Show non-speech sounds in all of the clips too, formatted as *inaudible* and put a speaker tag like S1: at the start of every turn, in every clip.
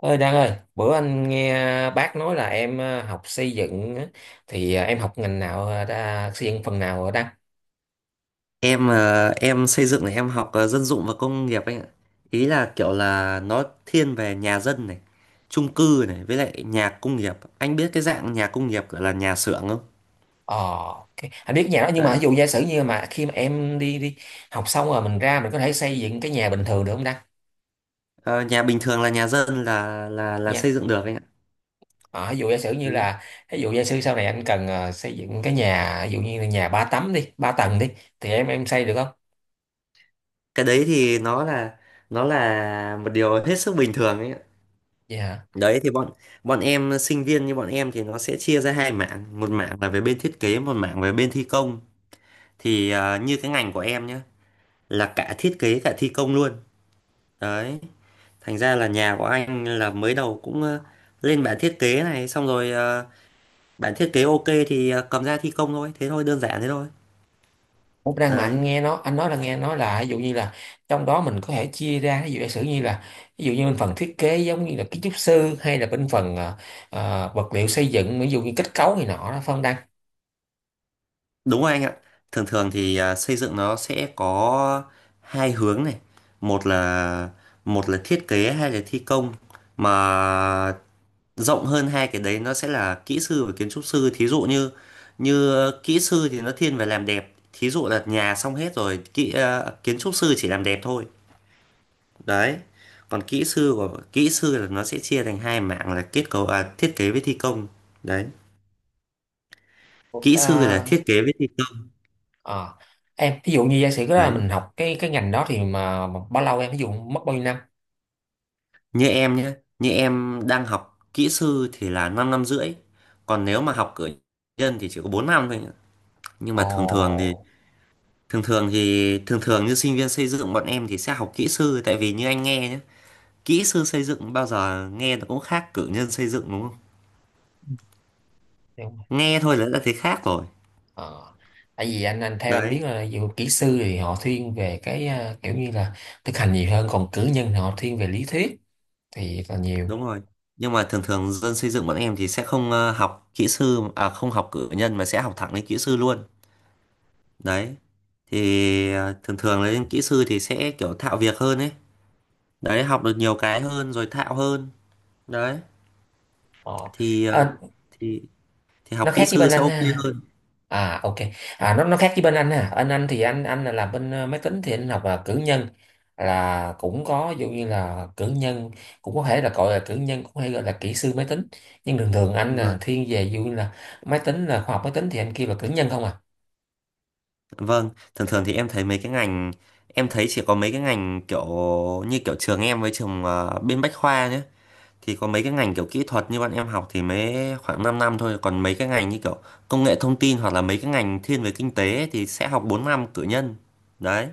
S1: Ơi Đăng ơi, bữa anh nghe bác nói là em học xây dựng á, thì em học ngành nào xây dựng phần nào ở Đăng?
S2: Em xây dựng này em học dân dụng và công nghiệp anh ạ. Ý là kiểu là nó thiên về nhà dân này, chung cư này, với lại nhà công nghiệp. Anh biết cái dạng nhà công nghiệp gọi là nhà xưởng không?
S1: Ờ, ok. Anh biết nhà đó, nhưng mà
S2: Đấy.
S1: ví dụ giả sử như mà khi mà em đi đi học xong rồi mình ra mình có thể xây dựng cái nhà bình thường được không Đăng?
S2: Ờ, Nhà bình thường là nhà dân là
S1: Nha.
S2: xây dựng được anh ạ.
S1: Ờ, ví dụ giả sử như
S2: Đấy.
S1: là ví dụ giả sử sau này anh cần xây dựng cái nhà ví dụ như là nhà ba tấm đi, ba tầng đi thì em xây được không?
S2: Cái đấy thì nó là một điều hết sức bình thường ấy ạ.
S1: Dạ.
S2: Đấy, thì bọn bọn em, sinh viên như bọn em thì nó sẽ chia ra hai mảng, một mảng là về bên thiết kế, một mảng về bên thi công. Thì như cái ngành của em nhé là cả thiết kế cả thi công luôn. Đấy, thành ra là nhà của anh là mới đầu cũng lên bản thiết kế này, xong rồi bản thiết kế ok thì cầm ra thi công thôi, thế thôi, đơn giản thế thôi.
S1: Cũng đang mà
S2: Đấy,
S1: anh nghe nó, anh nói là nghe nói là ví dụ như là trong đó mình có thể chia ra ví dụ giả sử như là ví dụ như bên phần thiết kế giống như là kiến trúc sư hay là bên phần vật liệu xây dựng ví dụ như kết cấu này nọ đó phân đăng.
S2: đúng rồi anh ạ. Thường thường thì xây dựng nó sẽ có hai hướng này, một là một là thiết kế hay là thi công, mà rộng hơn hai cái đấy nó sẽ là kỹ sư và kiến trúc sư. Thí dụ như như kỹ sư thì nó thiên về làm đẹp, thí dụ là nhà xong hết rồi, kiến trúc sư chỉ làm đẹp thôi. Đấy, còn kỹ sư của kỹ sư là nó sẽ chia thành hai mảng là kết cấu, à, thiết kế với thi công. Đấy, kỹ
S1: Ờ,
S2: sư là thiết kế với thi công.
S1: ờ. Em ví dụ như giả sử đó là
S2: Đấy,
S1: mình học cái ngành đó thì mà bao lâu, em ví dụ mất bao nhiêu năm?
S2: như em nhé, như em đang học kỹ sư thì là 5 năm rưỡi, còn nếu mà học cử nhân thì chỉ có 4 năm thôi nhá. Nhưng mà thường thường thì
S1: Ồ.
S2: thường thường thì thường thường như sinh viên xây dựng bọn em thì sẽ học kỹ sư, tại vì như anh nghe nhé, kỹ sư xây dựng bao giờ nghe nó cũng khác cử nhân xây dựng đúng không?
S1: Đúng rồi.
S2: Nghe thôi là đã thấy khác rồi.
S1: Ờ. Tại vì anh theo anh biết
S2: Đấy.
S1: là dù kỹ sư thì họ thiên về cái kiểu như là thực hành nhiều hơn, còn cử nhân thì họ thiên về lý thuyết thì là nhiều.
S2: Đúng rồi, nhưng mà thường thường dân xây dựng bọn em thì sẽ không học kỹ sư, à không, học cử nhân mà sẽ học thẳng lên kỹ sư luôn. Đấy, thì thường thường lên kỹ sư thì sẽ kiểu thạo việc hơn ấy. Đấy, học được nhiều cái hơn rồi thạo hơn. Đấy,
S1: Ờ.
S2: thì ờ,
S1: À,
S2: thì thì
S1: nó
S2: học kỹ
S1: khác với
S2: sư
S1: bên
S2: sẽ
S1: anh
S2: ok
S1: ha.
S2: hơn.
S1: À, ok. À, nó khác với bên anh ha. Anh thì anh là làm bên máy tính thì anh học là cử nhân, là cũng có ví dụ như là cử nhân, cũng có thể là gọi là cử nhân, cũng hay gọi là kỹ sư máy tính. Nhưng thường thường anh là
S2: Vâng.
S1: thiên về ví dụ như là máy tính, là khoa học máy tính thì anh kia là cử nhân không à.
S2: Vâng, thường thường thì em thấy mấy cái ngành, em thấy chỉ có mấy cái ngành kiểu như kiểu trường em với trường bên Bách Khoa nhé. Thì có mấy cái ngành kiểu kỹ thuật như bọn em học thì mới khoảng 5 năm thôi, còn mấy cái ngành như kiểu công nghệ thông tin hoặc là mấy cái ngành thiên về kinh tế ấy thì sẽ học 4 năm cử nhân. Đấy.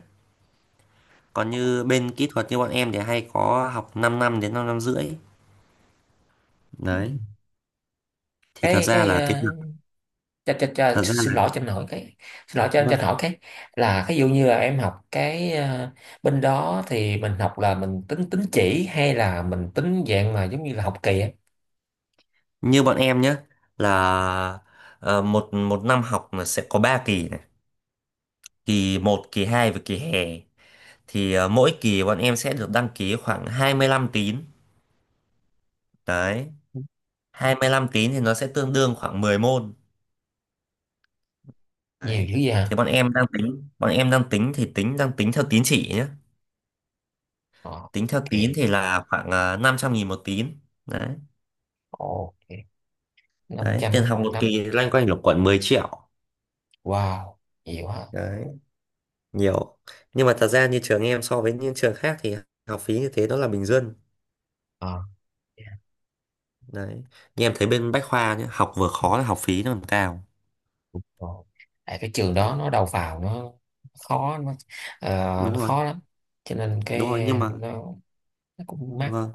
S2: Còn như bên kỹ thuật như bọn em thì hay có học 5 năm đến 5 năm rưỡi. Đấy. Thì thật
S1: Cái
S2: ra
S1: cái
S2: là cái
S1: ờ,
S2: việc
S1: cho,
S2: thật ra là...
S1: xin lỗi cho anh hỏi cái, xin lỗi cho anh, cho
S2: Vâng,
S1: anh hỏi cái là ví dụ như là em học cái bên đó thì mình học là mình tính tín chỉ hay là mình tính dạng mà giống như là học kỳ á?
S2: như bọn em nhé, là một một năm học là sẽ có 3 kỳ này, kỳ một, kỳ 2 và kỳ hè. Thì mỗi kỳ bọn em sẽ được đăng ký khoảng 25 tín. Đấy, 25 tín thì nó sẽ tương đương khoảng 10 môn.
S1: Nhiều
S2: Đấy.
S1: dữ vậy
S2: Thì
S1: hả?
S2: bọn em đang tính thì tính theo tín chỉ nhé. Tính theo
S1: Ok.
S2: tín thì là khoảng, à, 500.000 một tín. Đấy.
S1: Ok. Năm
S2: Đấy, tiền
S1: trăm
S2: học một
S1: năm.
S2: kỳ loanh quanh lục quận 10 triệu.
S1: Wow, nhiều hả?
S2: Đấy, nhiều. Nhưng mà thật ra như trường em so với những trường khác thì học phí như thế nó là bình dân.
S1: Ờ, yeah.
S2: Đấy. Như em thấy bên Bách Khoa nhé, học vừa khó là học phí nó còn cao.
S1: Ồ. Tại cái trường
S2: Đấy.
S1: đó nó đầu vào nó khó, nó ờ, nó
S2: Đúng rồi,
S1: khó lắm, cho nên
S2: đúng rồi,
S1: cái
S2: nhưng mà
S1: nó, nó cũng mắc.
S2: vâng.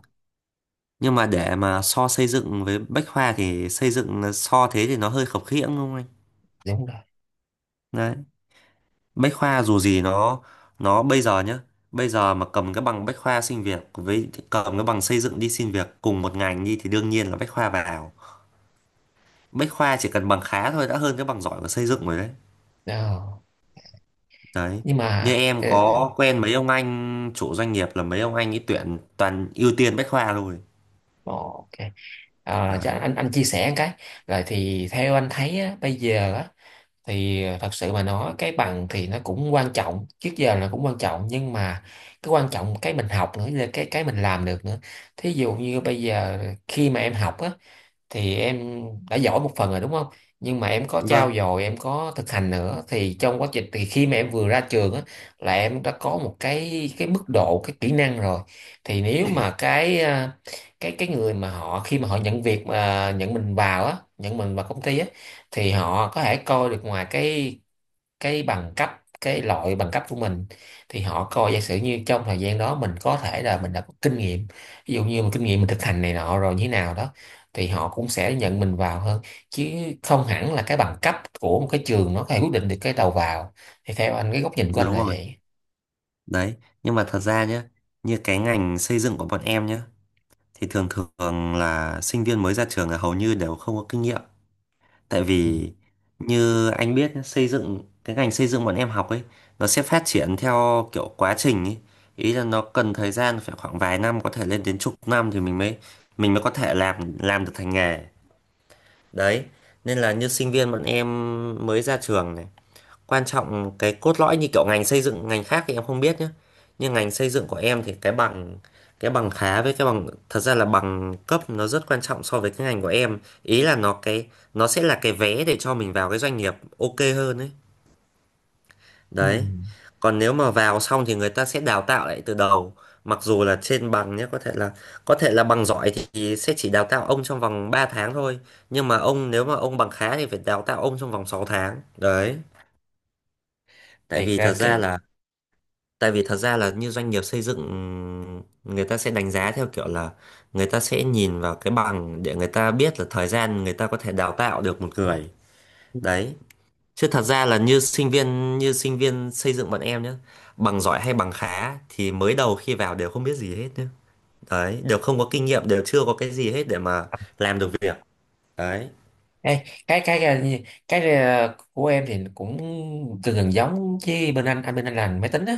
S2: Nhưng mà để mà so xây dựng với Bách Khoa thì xây dựng là so thế thì nó hơi khập khiễng đúng không anh?
S1: Đúng rồi.
S2: Đấy. Bách Khoa dù gì nó bây giờ nhá, bây giờ mà cầm cái bằng Bách Khoa xin việc với cầm cái bằng xây dựng đi xin việc cùng một ngành đi thì đương nhiên là Bách Khoa vào. Bách Khoa chỉ cần bằng khá thôi đã hơn cái bằng giỏi của xây dựng rồi đấy.
S1: Đó.
S2: Đấy.
S1: Nhưng
S2: Như
S1: mà
S2: em
S1: cái,
S2: có quen mấy ông anh chủ doanh nghiệp là mấy ông anh ấy tuyển toàn ưu tiên Bách Khoa rồi.
S1: ồ, ok, à, chắc
S2: Đấy.
S1: anh chia sẻ một cái, rồi thì theo anh thấy á, bây giờ á, thì thật sự mà nói cái bằng thì nó cũng quan trọng, trước giờ là cũng quan trọng, nhưng mà cái quan trọng cái mình học nữa là cái mình làm được nữa. Thí dụ như bây giờ khi mà em học á thì em đã giỏi một phần rồi đúng không, nhưng mà em có trau
S2: Vâng,
S1: dồi, em có thực hành nữa thì trong quá trình thì khi mà em vừa ra trường á là em đã có một cái mức độ cái kỹ năng rồi, thì nếu mà cái cái người mà họ khi mà họ nhận việc mà nhận mình vào á, nhận mình vào công ty á, thì họ có thể coi được ngoài cái bằng cấp, cái loại bằng cấp của mình, thì họ coi giả sử như trong thời gian đó mình có thể là mình đã có kinh nghiệm, ví dụ như mình kinh nghiệm mình thực hành này nọ rồi như thế nào đó, thì họ cũng sẽ nhận mình vào hơn, chứ không hẳn là cái bằng cấp của một cái trường nó có thể quyết định được cái đầu vào. Thì theo anh, cái góc nhìn của anh
S2: đúng
S1: là
S2: rồi.
S1: vậy.
S2: Đấy, nhưng mà thật ra nhé, như cái ngành xây dựng của bọn em nhé, thì thường thường là sinh viên mới ra trường là hầu như đều không có kinh nghiệm. Tại
S1: Ừ.
S2: vì như anh biết nhá, xây dựng, cái ngành xây dựng bọn em học ấy, nó sẽ phát triển theo kiểu quá trình ấy. Ý là nó cần thời gian phải khoảng vài năm, có thể lên đến chục năm thì mình mới có thể làm được thành nghề. Đấy, nên là như sinh viên bọn em mới ra trường này, quan trọng cái cốt lõi như kiểu ngành xây dựng, ngành khác thì em không biết nhé, nhưng ngành xây dựng của em thì cái bằng, cái bằng khá với cái bằng, thật ra là bằng cấp nó rất quan trọng so với cái ngành của em. Ý là nó, cái nó sẽ là cái vé để cho mình vào cái doanh nghiệp ok hơn ấy.
S1: Ừ.
S2: Đấy. Còn nếu mà vào xong thì người ta sẽ đào tạo lại từ đầu, mặc dù là trên bằng nhé, có thể là bằng giỏi thì sẽ chỉ đào tạo ông trong vòng 3 tháng thôi, nhưng mà ông, nếu mà ông bằng khá thì phải đào tạo ông trong vòng 6 tháng. Đấy, tại
S1: Thì
S2: vì thật
S1: cái,
S2: ra là... Tại vì thật ra là như doanh nghiệp xây dựng, người ta sẽ đánh giá theo kiểu là người ta sẽ nhìn vào cái bằng để người ta biết là thời gian người ta có thể đào tạo được một người. Đấy. Chứ thật ra là như sinh viên, như sinh viên xây dựng bọn em nhé, bằng giỏi hay bằng khá thì mới đầu khi vào đều không biết gì hết nhé. Đấy, đều không có kinh nghiệm, đều chưa có cái gì hết để mà làm được việc. Đấy.
S1: ê, cái cái của em thì cũng gần gần giống với bên anh, bên anh làm máy tính á,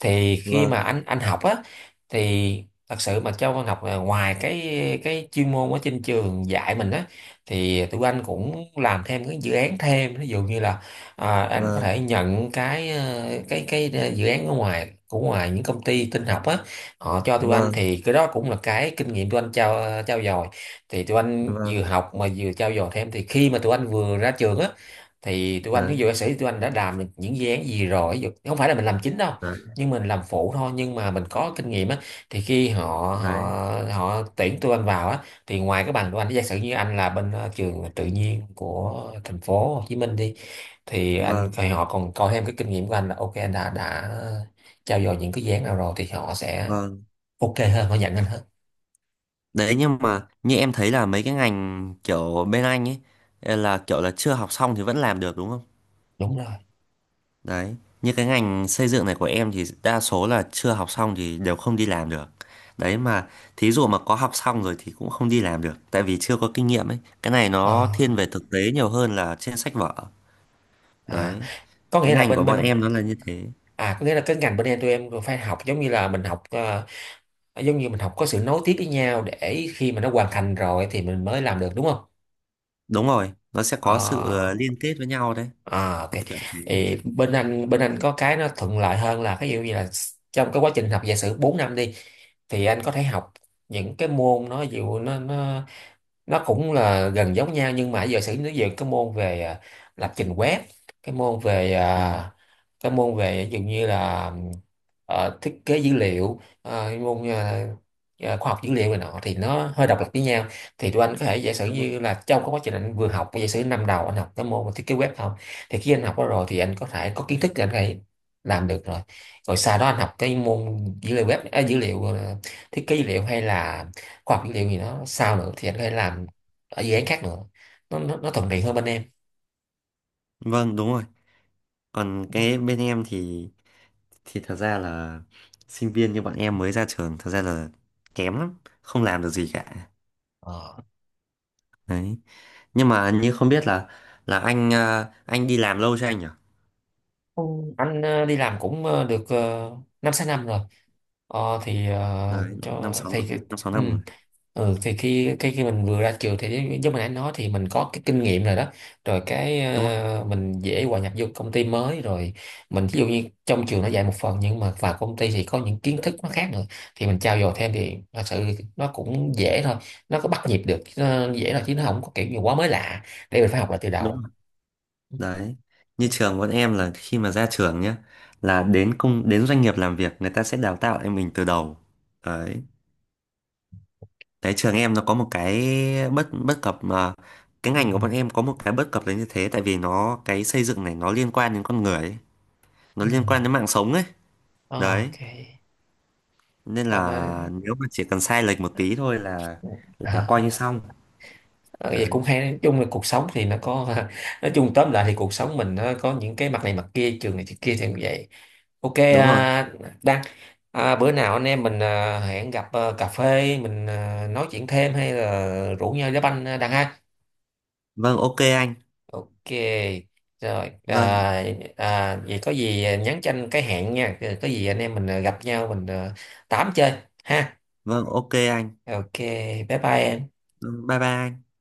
S1: thì khi
S2: Vâng,
S1: mà anh học á thì thật sự mà cho con học là ngoài cái chuyên môn ở trên trường dạy mình á, thì tụi anh cũng làm thêm cái dự án thêm, ví dụ như là à, anh có
S2: vâng,
S1: thể nhận cái dự án ở ngoài của ngoài những công ty tin học á, họ cho tụi anh,
S2: vâng,
S1: thì cái đó cũng là cái kinh nghiệm tụi anh trao, trao dồi, thì tụi anh
S2: vâng.
S1: vừa học mà vừa trau dồi thêm, thì khi mà tụi anh vừa ra trường á thì tụi anh ví
S2: Đấy,
S1: dụ ca sĩ tụi anh đã làm được những dự án gì rồi, ví dụ không phải là mình làm chính đâu,
S2: đấy,
S1: nhưng mình làm phụ thôi, nhưng mà mình có kinh nghiệm á, thì khi họ
S2: đấy.
S1: họ họ tuyển tụi anh vào á thì ngoài cái bằng tụi anh, giả sử như anh là bên trường tự nhiên của thành phố Hồ Chí Minh đi, thì anh
S2: Vâng,
S1: thì họ còn coi thêm cái kinh nghiệm của anh là ok, anh đã trau dồi những cái dự án nào rồi, thì họ sẽ
S2: vâng.
S1: ok hơn, họ nhận anh hơn.
S2: Đấy, nhưng mà như em thấy là mấy cái ngành kiểu bên anh ấy, eh, là kiểu là chưa học xong thì vẫn làm được đúng không?
S1: Đúng rồi.
S2: Đấy, như cái ngành xây dựng này của em thì đa số là chưa học xong thì đều không đi làm được. Đấy mà thí dụ mà có học xong rồi thì cũng không đi làm được tại vì chưa có kinh nghiệm ấy. Cái này nó
S1: Ờ.
S2: thiên về thực tế nhiều hơn là trên sách vở.
S1: À,
S2: Đấy,
S1: có
S2: cái
S1: nghĩa là
S2: ngành của
S1: bên
S2: bọn
S1: bên
S2: em nó là như thế.
S1: à có nghĩa là cái ngành bên em tụi em phải học giống như là mình học giống như mình học có sự nối tiếp với nhau để khi mà nó hoàn thành rồi thì mình mới làm được, đúng không?
S2: Đúng rồi, nó sẽ có sự
S1: Ờ,
S2: liên kết với nhau đấy,
S1: à, ok.
S2: kiểu thế.
S1: Thì bên anh có cái nó thuận lợi hơn là cái ví dụ như là trong cái quá trình học giả sử 4 năm đi, thì anh có thể học những cái môn nó ví dụ nó cũng là gần giống nhau, nhưng mà giả sử nó về cái môn về lập trình web, cái môn về
S2: Đấy,
S1: cái môn về ví dụ như là thiết kế dữ liệu, môn khoa học dữ liệu này nọ, thì nó hơi độc lập với nhau. Thì tụi anh có thể giả sử
S2: đúng rồi.
S1: như là trong cái quá trình anh vừa học, giả sử năm đầu anh học cái môn thiết kế web không, thì khi anh học đó rồi thì anh có thể có kiến thức để anh có thể làm được rồi, rồi sau đó anh học cái môn dữ liệu web à, dữ liệu thiết kế dữ liệu hay là khoa học dữ liệu gì đó sao nữa thì anh có thể làm ở dự án khác nữa, nó thuận tiện hơn bên em.
S2: Vâng, đúng rồi. Còn cái bên em thì thật ra là sinh viên như bọn em mới ra trường thật ra là kém lắm, không làm được gì cả.
S1: Ờ.
S2: Đấy, nhưng mà, như không biết là anh, à, anh đi làm lâu chưa anh nhỉ?
S1: Ừ, anh đi làm cũng được 5-6 năm rồi.
S2: Đấy, năm
S1: Cho
S2: sáu
S1: thì cái-
S2: năm sáu
S1: ừ.
S2: năm rồi.
S1: Ừ, thì khi cái khi mình vừa ra trường thì giống giống mình đã nói thì mình có cái kinh nghiệm rồi đó, rồi cái
S2: Đúng không
S1: mình dễ hòa nhập vô công ty mới rồi, mình ví dụ như trong trường nó dạy một phần, nhưng mà vào công ty thì có những kiến thức nó khác nữa, thì mình trau dồi thêm thì thật sự nó cũng dễ thôi, nó có bắt nhịp được, nó dễ là, chứ nó không có kiểu như quá mới lạ để mình phải học lại từ
S2: đúng rồi.
S1: đầu.
S2: Đấy, như
S1: Ừ,
S2: trường bọn em là khi mà ra trường nhá là đến công, đến doanh nghiệp làm việc người ta sẽ đào tạo em mình từ đầu. Đấy. Đấy, trường em nó có một cái bất bất cập mà, cái
S1: ừ,
S2: ngành của bọn em có một cái bất cập là như thế, tại vì nó, cái xây dựng này nó liên quan đến con người ấy, nó
S1: ừ.
S2: liên quan đến mạng sống ấy. Đấy,
S1: Ok.
S2: nên
S1: Ờ,
S2: là
S1: nói-
S2: nếu mà chỉ cần sai lệch một tí thôi là coi như
S1: *laughs*
S2: xong.
S1: Ờ, vậy cũng
S2: Đấy,
S1: hay, nói chung là cuộc sống thì nó có *laughs* nói chung tóm lại thì cuộc sống mình nó có những cái mặt này mặt kia, trường này trường kia thì như vậy. Ok,
S2: đúng rồi.
S1: à, Đăng, à, bữa nào anh em mình à, hẹn gặp à, cà phê mình à, nói chuyện thêm hay là rủ nhau đá banh à, Đăng ha?
S2: Vâng, ok anh.
S1: Ok, rồi,
S2: Vâng.
S1: à, à, vậy có gì nhắn cho anh cái hẹn nha, có gì anh em mình à, gặp nhau mình à, tám chơi ha?
S2: Vâng, ok anh.
S1: Ok, bye bye em.
S2: Vâng, bye bye anh.